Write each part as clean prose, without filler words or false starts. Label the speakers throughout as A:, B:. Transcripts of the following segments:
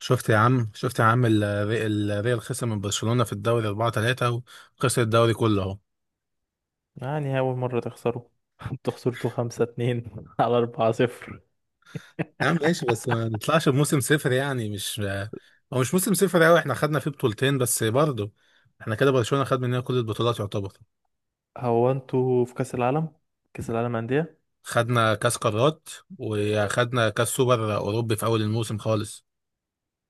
A: شفت يا عم، الريال خسر من برشلونة في الدوري 4-3. وخسر الدوري كله اهو.
B: يعني أول مرة تخسروا. انتوا خسرتوا 5-2 على 4-0.
A: نعم ماشي، بس ما نطلعش بموسم صفر يعني مش، هو مش موسم صفر قوي، احنا خدنا فيه بطولتين بس برضه. احنا كده برشلونة خد مننا كل البطولات يعتبر.
B: هو انتوا في كأس العالم؟ كأس العالم أندية.
A: خدنا كاس قارات وخدنا كاس سوبر اوروبي في اول الموسم خالص.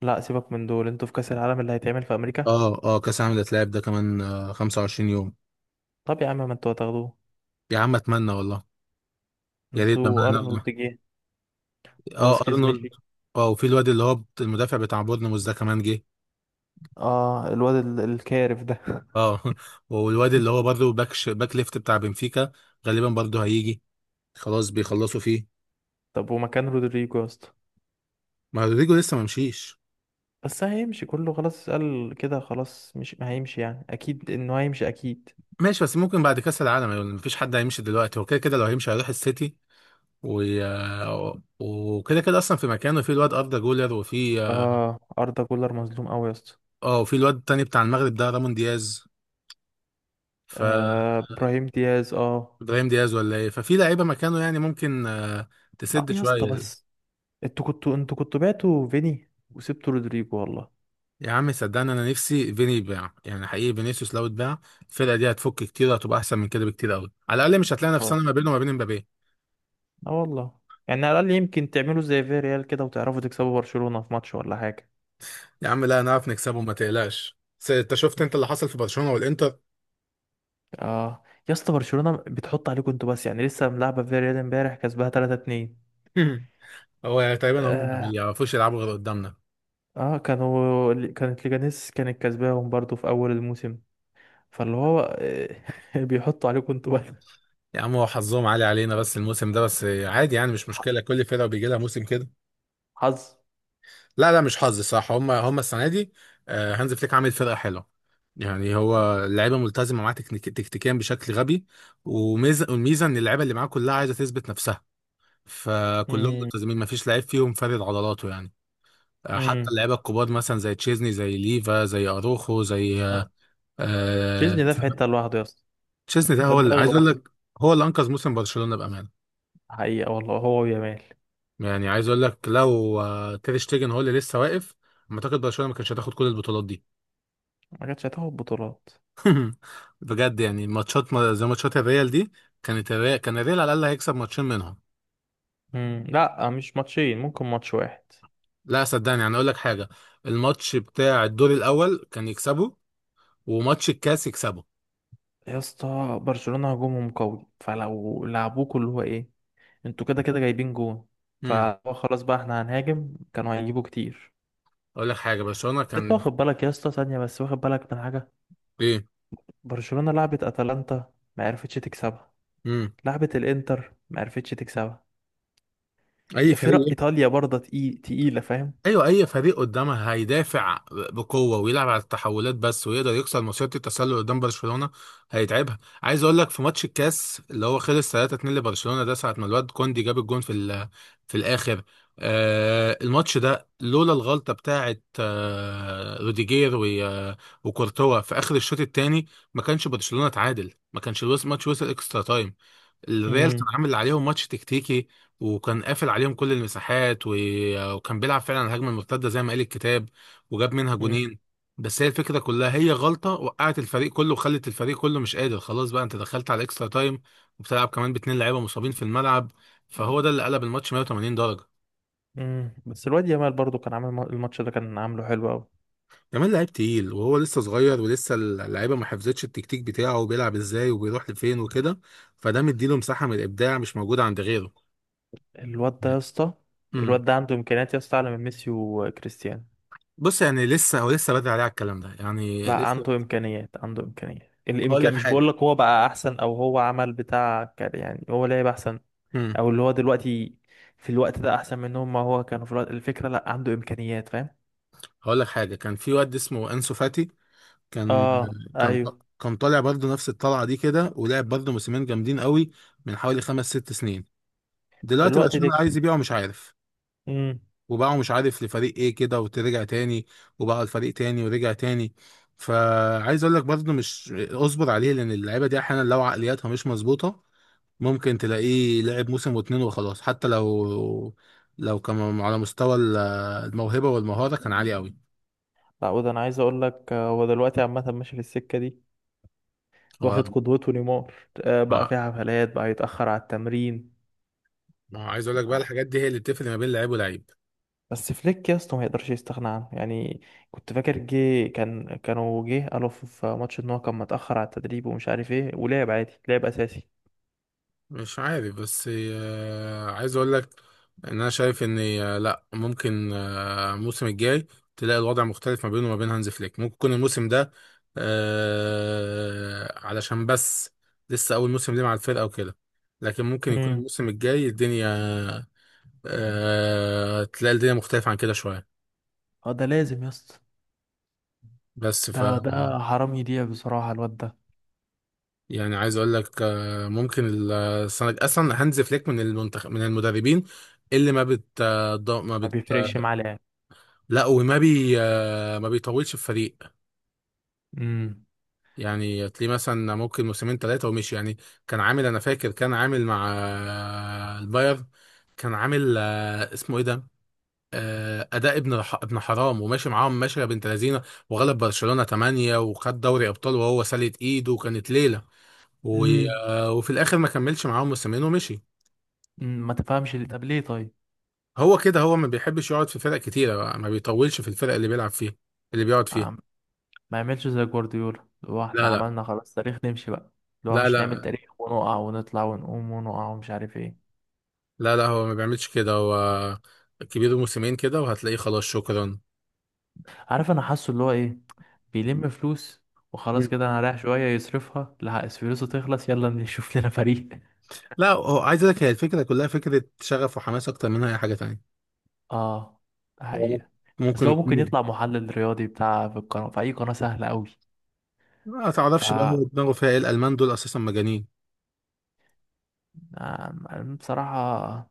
B: لا سيبك من دول، انتوا في كأس العالم اللي هيتعمل في أمريكا.
A: اه اه، كاس عالم الاتلعاب ده كمان 25 يوم.
B: طب يا عم ما انتوا هتاخدوه.
A: يا عم اتمنى والله، يا ريت بقى
B: انتوا أرنولد
A: ناخده.
B: جه.
A: اه
B: فاسكيز
A: ارنولد.
B: مشي.
A: اه، وفي الواد اللي هو المدافع بتاع بورنموث ده كمان جه.
B: اه الواد الكارف ده.
A: اه والواد اللي هو برضه باك باك ليفت بتاع بنفيكا، غالبا برضه هيجي، خلاص بيخلصوا فيه.
B: طب ومكان رودريجو يا اسطى؟
A: ما رودريجو لسه ما مشيش.
B: بس هيمشي كله خلاص قال كده خلاص مش هيمشي، يعني اكيد انه هيمشي اكيد.
A: ماشي بس ممكن بعد كاس العالم يعني، مفيش حد هيمشي دلوقتي، هو كده كده لو هيمشي هيروح السيتي. و... وكده كده اصلا في مكانه في الواد اردا جولر، وفي
B: اه اردا جولر مظلوم قوي يا اسطى.
A: اه، وفي الواد التاني بتاع المغرب ده، رامون دياز. ف
B: آه ابراهيم دياز اه.
A: ابراهيم دياز ولا ايه؟ ففي لعيبه مكانه يعني، ممكن
B: اه
A: تسد
B: يا اسطى
A: شويه.
B: بس انتوا كنتوا بعتوا فيني وسبتوا رودريجو والله.
A: يا عم صدقني انا نفسي فيني يباع، يعني حقيقي فينيسيوس لو اتباع الفرقه دي هتفك كتير، وهتبقى احسن من كده بكتير قوي. على الاقل مش هتلاقي
B: اه
A: نفسنا ما بينه وما بين مبابي.
B: اه والله. يعني على الأقل يمكن تعملوا زي فيريال كده وتعرفوا تكسبوا برشلونة في ماتش ولا حاجة.
A: يا عم لا نعرف نكسبه، ما تقلقش. بس انت شفت انت اللي حصل في برشلونه والانتر.
B: اه يا اسطى برشلونة بتحط عليكم انتوا بس، يعني لسه ملعبة فيريال امبارح كسبها 3-2.
A: هو يعني تقريبا هم ما
B: اه
A: بيعرفوش يلعبوا غير قدامنا.
B: اه كانت ليجانيس كانت كسباهم برضو في أول الموسم، فاللي هو بيحطوا عليكم انتوا بس.
A: يا عم هو حظهم عالي علينا بس الموسم ده بس، عادي يعني، مش مشكله، كل فرقه بيجي لها موسم كده.
B: حظ.
A: لا لا، مش حظ، صح، هم هم السنه دي هانز فليك عامل فرقه حلوه. يعني هو اللعيبه ملتزمه معاه تكنيك تكتيكيا بشكل غبي. وميزه والميزه ان اللعيبه اللي معاه كلها عايزه تثبت نفسها، فكلهم
B: امم.
A: ملتزمين، ما فيش لعيب فيهم فارد عضلاته يعني. حتى
B: امم.
A: اللعيبه الكبار مثلا زي تشيزني، زي ليفا، زي اروخو، زي آه،
B: تشيزني ده في حتة لوحده يا اسطى.
A: تشيزني ده
B: ده
A: هو اللي
B: دماغ
A: عايز اقول
B: لوحده.
A: لك، هو اللي انقذ موسم برشلونه بامانه.
B: حقيقة والله هو ويامال.
A: يعني عايز اقول لك لو تير شتيجن هو اللي لسه واقف، أنا اعتقد برشلونه ما كانش هتاخد كل البطولات دي.
B: ما كانتش هتاخد بطولات.
A: بجد يعني، ماتشات زي ماتشات الريال دي، كان الريال على الاقل هيكسب ماتشين منهم.
B: مم. لا مش ماتشين ممكن ماتش واحد.
A: لا صدقني، يعني اقول لك حاجه، الماتش بتاع الدور الاول كان يكسبه، وماتش الكاس يكسبه.
B: يا اسطى برشلونة هجومهم قوي، فلو لعبوكوا اللي هو ايه، انتوا كده كده جايبين جون،
A: امم،
B: فهو خلاص بقى احنا هنهاجم كانوا هيجيبوا كتير.
A: اقول لك حاجه، برشلونه
B: بس انت
A: كان
B: واخد بالك يا اسطى ثانية بس، واخد بالك من حاجة؟
A: ايه.
B: برشلونة لعبت اتلانتا ما عرفتش تكسبها.
A: امم،
B: لعبت الانتر ما عرفتش تكسبها.
A: اي
B: يا فرق
A: فريق.
B: ايطاليا برضه تقيلة فاهم.
A: ايوه، اي فريق قدامها هيدافع بقوه ويلعب على التحولات بس، ويقدر يكسر مصيده التسلل قدام برشلونه هيتعبها. عايز اقول لك في ماتش الكاس اللي هو خلص 3-2 لبرشلونه ده، ساعه ما الواد كوندي جاب الجون في الاخر، آه الماتش ده لولا الغلطه بتاعه روديجير وكورتوا في اخر الشوط الثاني، ما كانش برشلونه اتعادل، ما كانش الماتش وصل اكسترا تايم. الريال
B: امم.
A: كان عامل عليهم ماتش تكتيكي، وكان قافل عليهم كل المساحات، وكان بيلعب فعلا على الهجمه المرتده زي ما قال الكتاب، وجاب منها
B: امم.
A: جونين. بس هي الفكره كلها هي غلطه وقعت الفريق كله، وخلت الفريق كله مش قادر، خلاص بقى انت دخلت على الاكسترا تايم وبتلعب كمان باتنين لعيبه مصابين في الملعب، فهو ده اللي قلب الماتش 180 درجه.
B: مم. بس الواد يامال برضه كان عامل الماتش ده كان عامله حلو قوي.
A: كمان لعيب تقيل وهو لسه صغير، ولسه اللعيبه ما حفظتش التكتيك بتاعه وبيلعب ازاي وبيروح لفين وكده، فده مديله مساحه من الابداع مش موجوده عند غيره.
B: الواد ده يا اسطى،
A: امم.
B: الواد ده عنده امكانيات يا اسطى اعلى من ميسي وكريستيانو.
A: بص يعني لسه هو لسه بدري عليه على الكلام ده يعني
B: لا
A: لسه.
B: عنده امكانيات عنده امكانيات
A: هقول لك
B: الامكان، مش بقول
A: حاجه.
B: لك هو بقى احسن او هو عمل بتاع يعني هو لعب احسن،
A: امم.
B: او اللي هو دلوقتي في الوقت ده احسن منهم، ما هو كانوا في الوقت الفكره لا عنده امكانيات فاهم.
A: هقول لك حاجه، كان في واد اسمه انسو فاتي، كان
B: اه
A: كان
B: ايوه.
A: كان طالع برضه نفس الطلعه دي كده، ولعب برضه موسمين جامدين قوي من حوالي خمس ست سنين. دلوقتي بقى
B: دلوقتي
A: عشان عايز
B: دك.
A: يبيعه مش عارف،
B: امم.
A: وباعه مش عارف لفريق ايه كده وترجع تاني، وباعه الفريق تاني ورجع تاني. فعايز اقول لك برضه، مش اصبر عليه، لان اللعيبه دي احيانا لو عقلياتها مش مظبوطه، ممكن تلاقيه لعب موسم واتنين وخلاص، حتى لو، لو كان على مستوى الموهبة والمهارة كان عالي قوي.
B: لا وده انا عايز اقول لك هو دلوقتي عامه ماشي في السكه دي.
A: هو
B: واخد قدوته نيمار. بقى
A: ما
B: في حفلات بقى يتاخر على التمرين.
A: ما عايز اقول لك بقى، الحاجات دي هي اللي بتفرق ما بين لعيب ولعيب.
B: بس فليك يا اسطى ما يقدرش يستغنى عنه يعني. كنت فاكر جه كانوا جه قالوا في ماتش ان هو كان متأخر على التدريب ومش عارف ايه ولعب عادي لعب اساسي.
A: مش عارف بس عايز اقول لك ان انا شايف ان لا، ممكن الموسم الجاي تلاقي الوضع مختلف ما بينه وما بين هانز فليك. ممكن يكون الموسم ده علشان بس لسه اول موسم ليه مع الفرقة وكده. لكن ممكن يكون
B: امم.
A: الموسم الجاي الدنيا تلاقي الدنيا مختلفة عن كده شوية.
B: اه ده لازم يا اسطى.
A: بس ف
B: ده حرام يضيع بصراحة الواد ده.
A: يعني عايز اقول لك ممكن، السنة اصلا هانز فليك من المنتخب، من المدربين اللي ما بت آه، ض- ما
B: ما
A: بت
B: بيفرقش
A: آه،
B: معاه لعب.
A: لا، وما بي آه، ما بيطولش في فريق.
B: امم.
A: يعني تلاقيه مثلا ممكن موسمين ثلاثة ومشي يعني. كان عامل، انا فاكر كان عامل مع البايرن، كان عامل اسمه ايه ده، اداء ابن ابن حرام، وماشي معاهم ماشيه بنت لذينه، وغلب برشلونه 8، وخد دوري ابطال، وهو سالت ايده وكانت ليله و-
B: امم.
A: وفي الاخر ما كملش معاهم موسمين ومشي.
B: ما تفهمش اللي طب ليه طيب.
A: هو كده، هو ما بيحبش يقعد في فرق كتيره بقى، ما بيطولش في الفرق اللي بيلعب فيها، اللي بيقعد فيها.
B: عم- ما يعملش زي جوارديولا اللي هو احنا
A: لا لا
B: عملنا خلاص تاريخ نمشي بقى. اللي هو
A: لا
B: مش نعمل
A: لا
B: تاريخ ونقع ونطلع ونقوم ونقع ومش عارف ايه.
A: لا لا، هو ما بيعملش كده، هو كبير موسمين كده وهتلاقيه خلاص شكرا.
B: عارف انا حاسه اللي هو ايه. بيلم فلوس. وخلاص
A: مم.
B: كده انا رايح شويه يصرفها، لا فلوسه تخلص يلا نشوف لنا فريق.
A: لا، هو عايز اقول لك هي الفكره كلها فكره شغف وحماس اكتر منها اي حاجه تانية.
B: اه. ده
A: هو
B: حقيقة. بس
A: ممكن
B: لو ممكن
A: يكون،
B: يطلع محلل رياضي بتاع في القناه في اي قناه سهله قوي.
A: ما
B: ف
A: تعرفش بقى هو دماغه فيها ايه، الالمان دول اساسا مجانين.
B: أنا بصراحه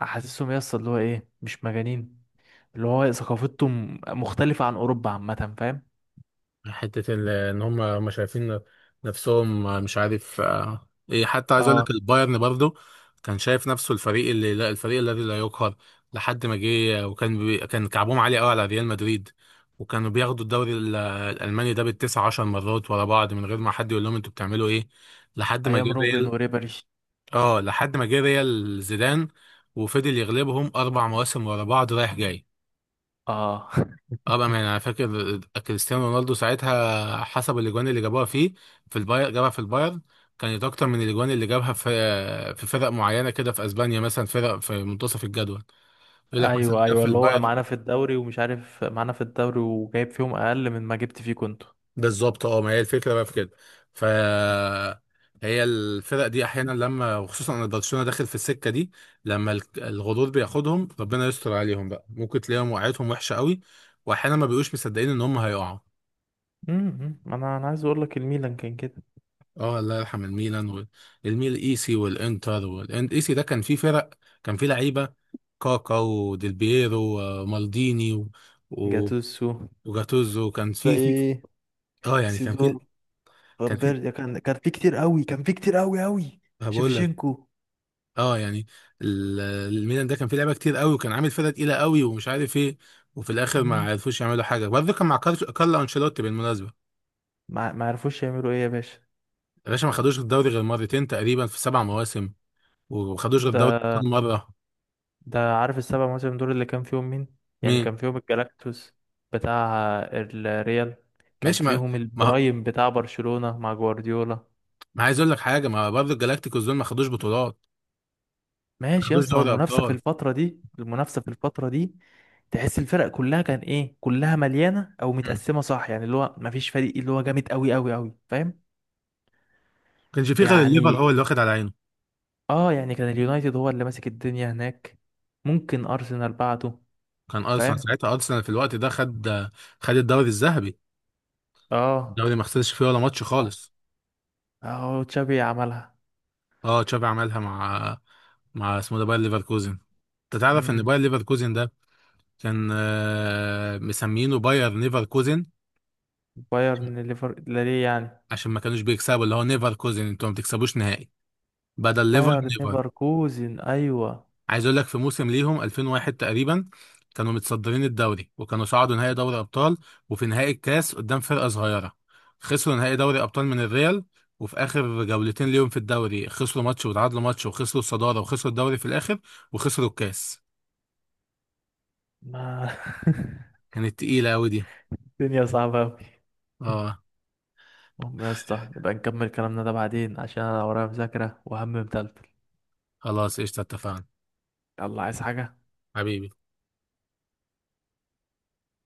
B: حاسسهم يس اللي هو ايه مش مجانين، اللي هو ثقافتهم مختلفه عن اوروبا عامه فاهم.
A: حتة ان هم شايفين نفسهم مش عارف ايه. حتى عايز اقول
B: اه
A: لك البايرن برضه كان شايف نفسه الفريق اللي لا، الفريق الذي لا يقهر، لحد ما جه، وكان بي، كان كعبهم عالي قوي على ريال مدريد، وكانوا بياخدوا الدوري الالماني ده بالتسع عشر مرات ورا بعض من غير ما حد يقول لهم انتوا بتعملوا ايه. لحد ما جه
B: ايام روبن
A: ريال،
B: وريبري.
A: اه لحد ما جه ريال زيدان وفضل يغلبهم اربع مواسم ورا بعض رايح جاي.
B: اه
A: اه بقى، يعني انا فاكر كريستيانو رونالدو ساعتها حسب الاجوان اللي جابوها فيه في الباير، جابها في الباير كانت اكتر من الاجوان اللي جابها في في فرق معينه كده في اسبانيا، مثلا فرق في منتصف الجدول، يقول لك مثلا
B: ايوه
A: جاب
B: ايوه
A: في
B: اللي هو
A: الباير.
B: معانا في الدوري ومش عارف معانا في الدوري وجايب فيهم اقل من ما جبت فيه كنت.
A: بالظبط، اه، ما هي الفكره بقى في كده. ف هي الفرق دي احيانا لما، وخصوصا ان برشلونه داخل في السكه دي، لما الغرور بياخدهم، ربنا يستر عليهم بقى، ممكن تلاقيهم وقعتهم وحشه قوي، واحيانا ما بيبقوش مصدقين ان هم هيقعوا.
B: امم، انا عايز اقول لك الميلان كان كده.
A: اه الله يرحم الميلان. والميل ايسي، والانتر، والايسي ده كان فيه فرق، كان فيه لعيبه، كاكا، وديل بييرو، ومالديني، و...
B: جاتوسو.
A: وجاتوزو، كان فيه، فيه،
B: زي
A: اه يعني كان فيه.
B: سيدور.
A: كان
B: فامبيرديا
A: فيه،
B: كان في كتير قوي كان في كتير قوي قوي.
A: هقول لك،
B: شيفشينكو.
A: اه يعني ال- الميلان ده كان فيه لعيبه كتير قوي، وكان عامل فرقه تقيله قوي ومش عارف ايه، وفي الاخر ما
B: مم.
A: عرفوش يعملوا حاجه برضه. كان مع كارلو انشيلوتي بالمناسبه.
B: ما ما عرفوش يعملوا ايه يا باشا.
A: يا باشا ما خدوش الدوري غير مرتين تقريبا في سبع مواسم، وما خدوش غير الدوري
B: ده
A: كل مره.
B: ده عارف السبع مواسم دول اللي كان فيهم مين؟ يعني
A: مين؟
B: كان فيهم الجلاكتوس بتاع الريال، كان
A: ماشي،
B: فيهم
A: ما
B: البرايم بتاع برشلونة مع جوارديولا.
A: ما عايز اقول لك حاجه، ما برضه الجلاكتيكوس دول ما خدوش بطولات، ما
B: ماشي يا
A: خدوش
B: اسطى، ما
A: دوري
B: المنافسة في
A: ابطال.
B: الفترة دي المنافسة في الفترة دي، تحس الفرق كلها كان ايه كلها مليانه او
A: مم. ما
B: متقسمه صح، يعني اللي هو مفيش فريق اللي هو جامد قوي قوي قوي فاهم.
A: كانش فيه غير الليفر
B: يعني
A: هو اللي واخد على عينه.
B: اه يعني كان اليونايتد هو اللي ماسك الدنيا هناك، ممكن ارسنال بعده
A: كان ارسنال
B: فاهم.
A: ساعتها، ارسنال في الوقت ده خد، خد الدوري الذهبي،
B: اه
A: الدوري ما خسرش فيه ولا ماتش خالص.
B: اه تشابي عملها.
A: اه تشافي عملها مع، مع اسمه ده باير ليفركوزن. انت تعرف ان
B: امم.
A: باير ليفركوزن ده كان مسمينه باير نيفركوزن،
B: بايرن ليفر لا ليه يعني؟
A: عشان ما كانوش بيكسبوا. اللي هو نيفركوزن، انتوا ما بتكسبوش نهائي، بدل ليفر
B: بايرن
A: نيفر.
B: ليفركوزن ايوه.
A: عايز اقول لك في موسم ليهم 2001 تقريبا، كانوا متصدرين الدوري، وكانوا صعدوا نهائي دوري ابطال، وفي نهائي الكاس قدام فرقه صغيره. خسروا نهائي دوري ابطال من الريال، وفي اخر جولتين ليهم في الدوري خسروا ماتش وتعادلوا ماتش، وخسروا الصداره وخسروا الدوري في الاخر، وخسروا الكاس.
B: ما
A: كانت تقيله قوي دي.
B: الدنيا صعبه قوي.
A: اه
B: المهم يا اسطى نبقى نكمل كلامنا ده بعدين عشان انا ورايا مذاكره وهم متلتل.
A: خلاص، قشطه، اتفقنا
B: يلا عايز حاجه؟
A: حبيبي.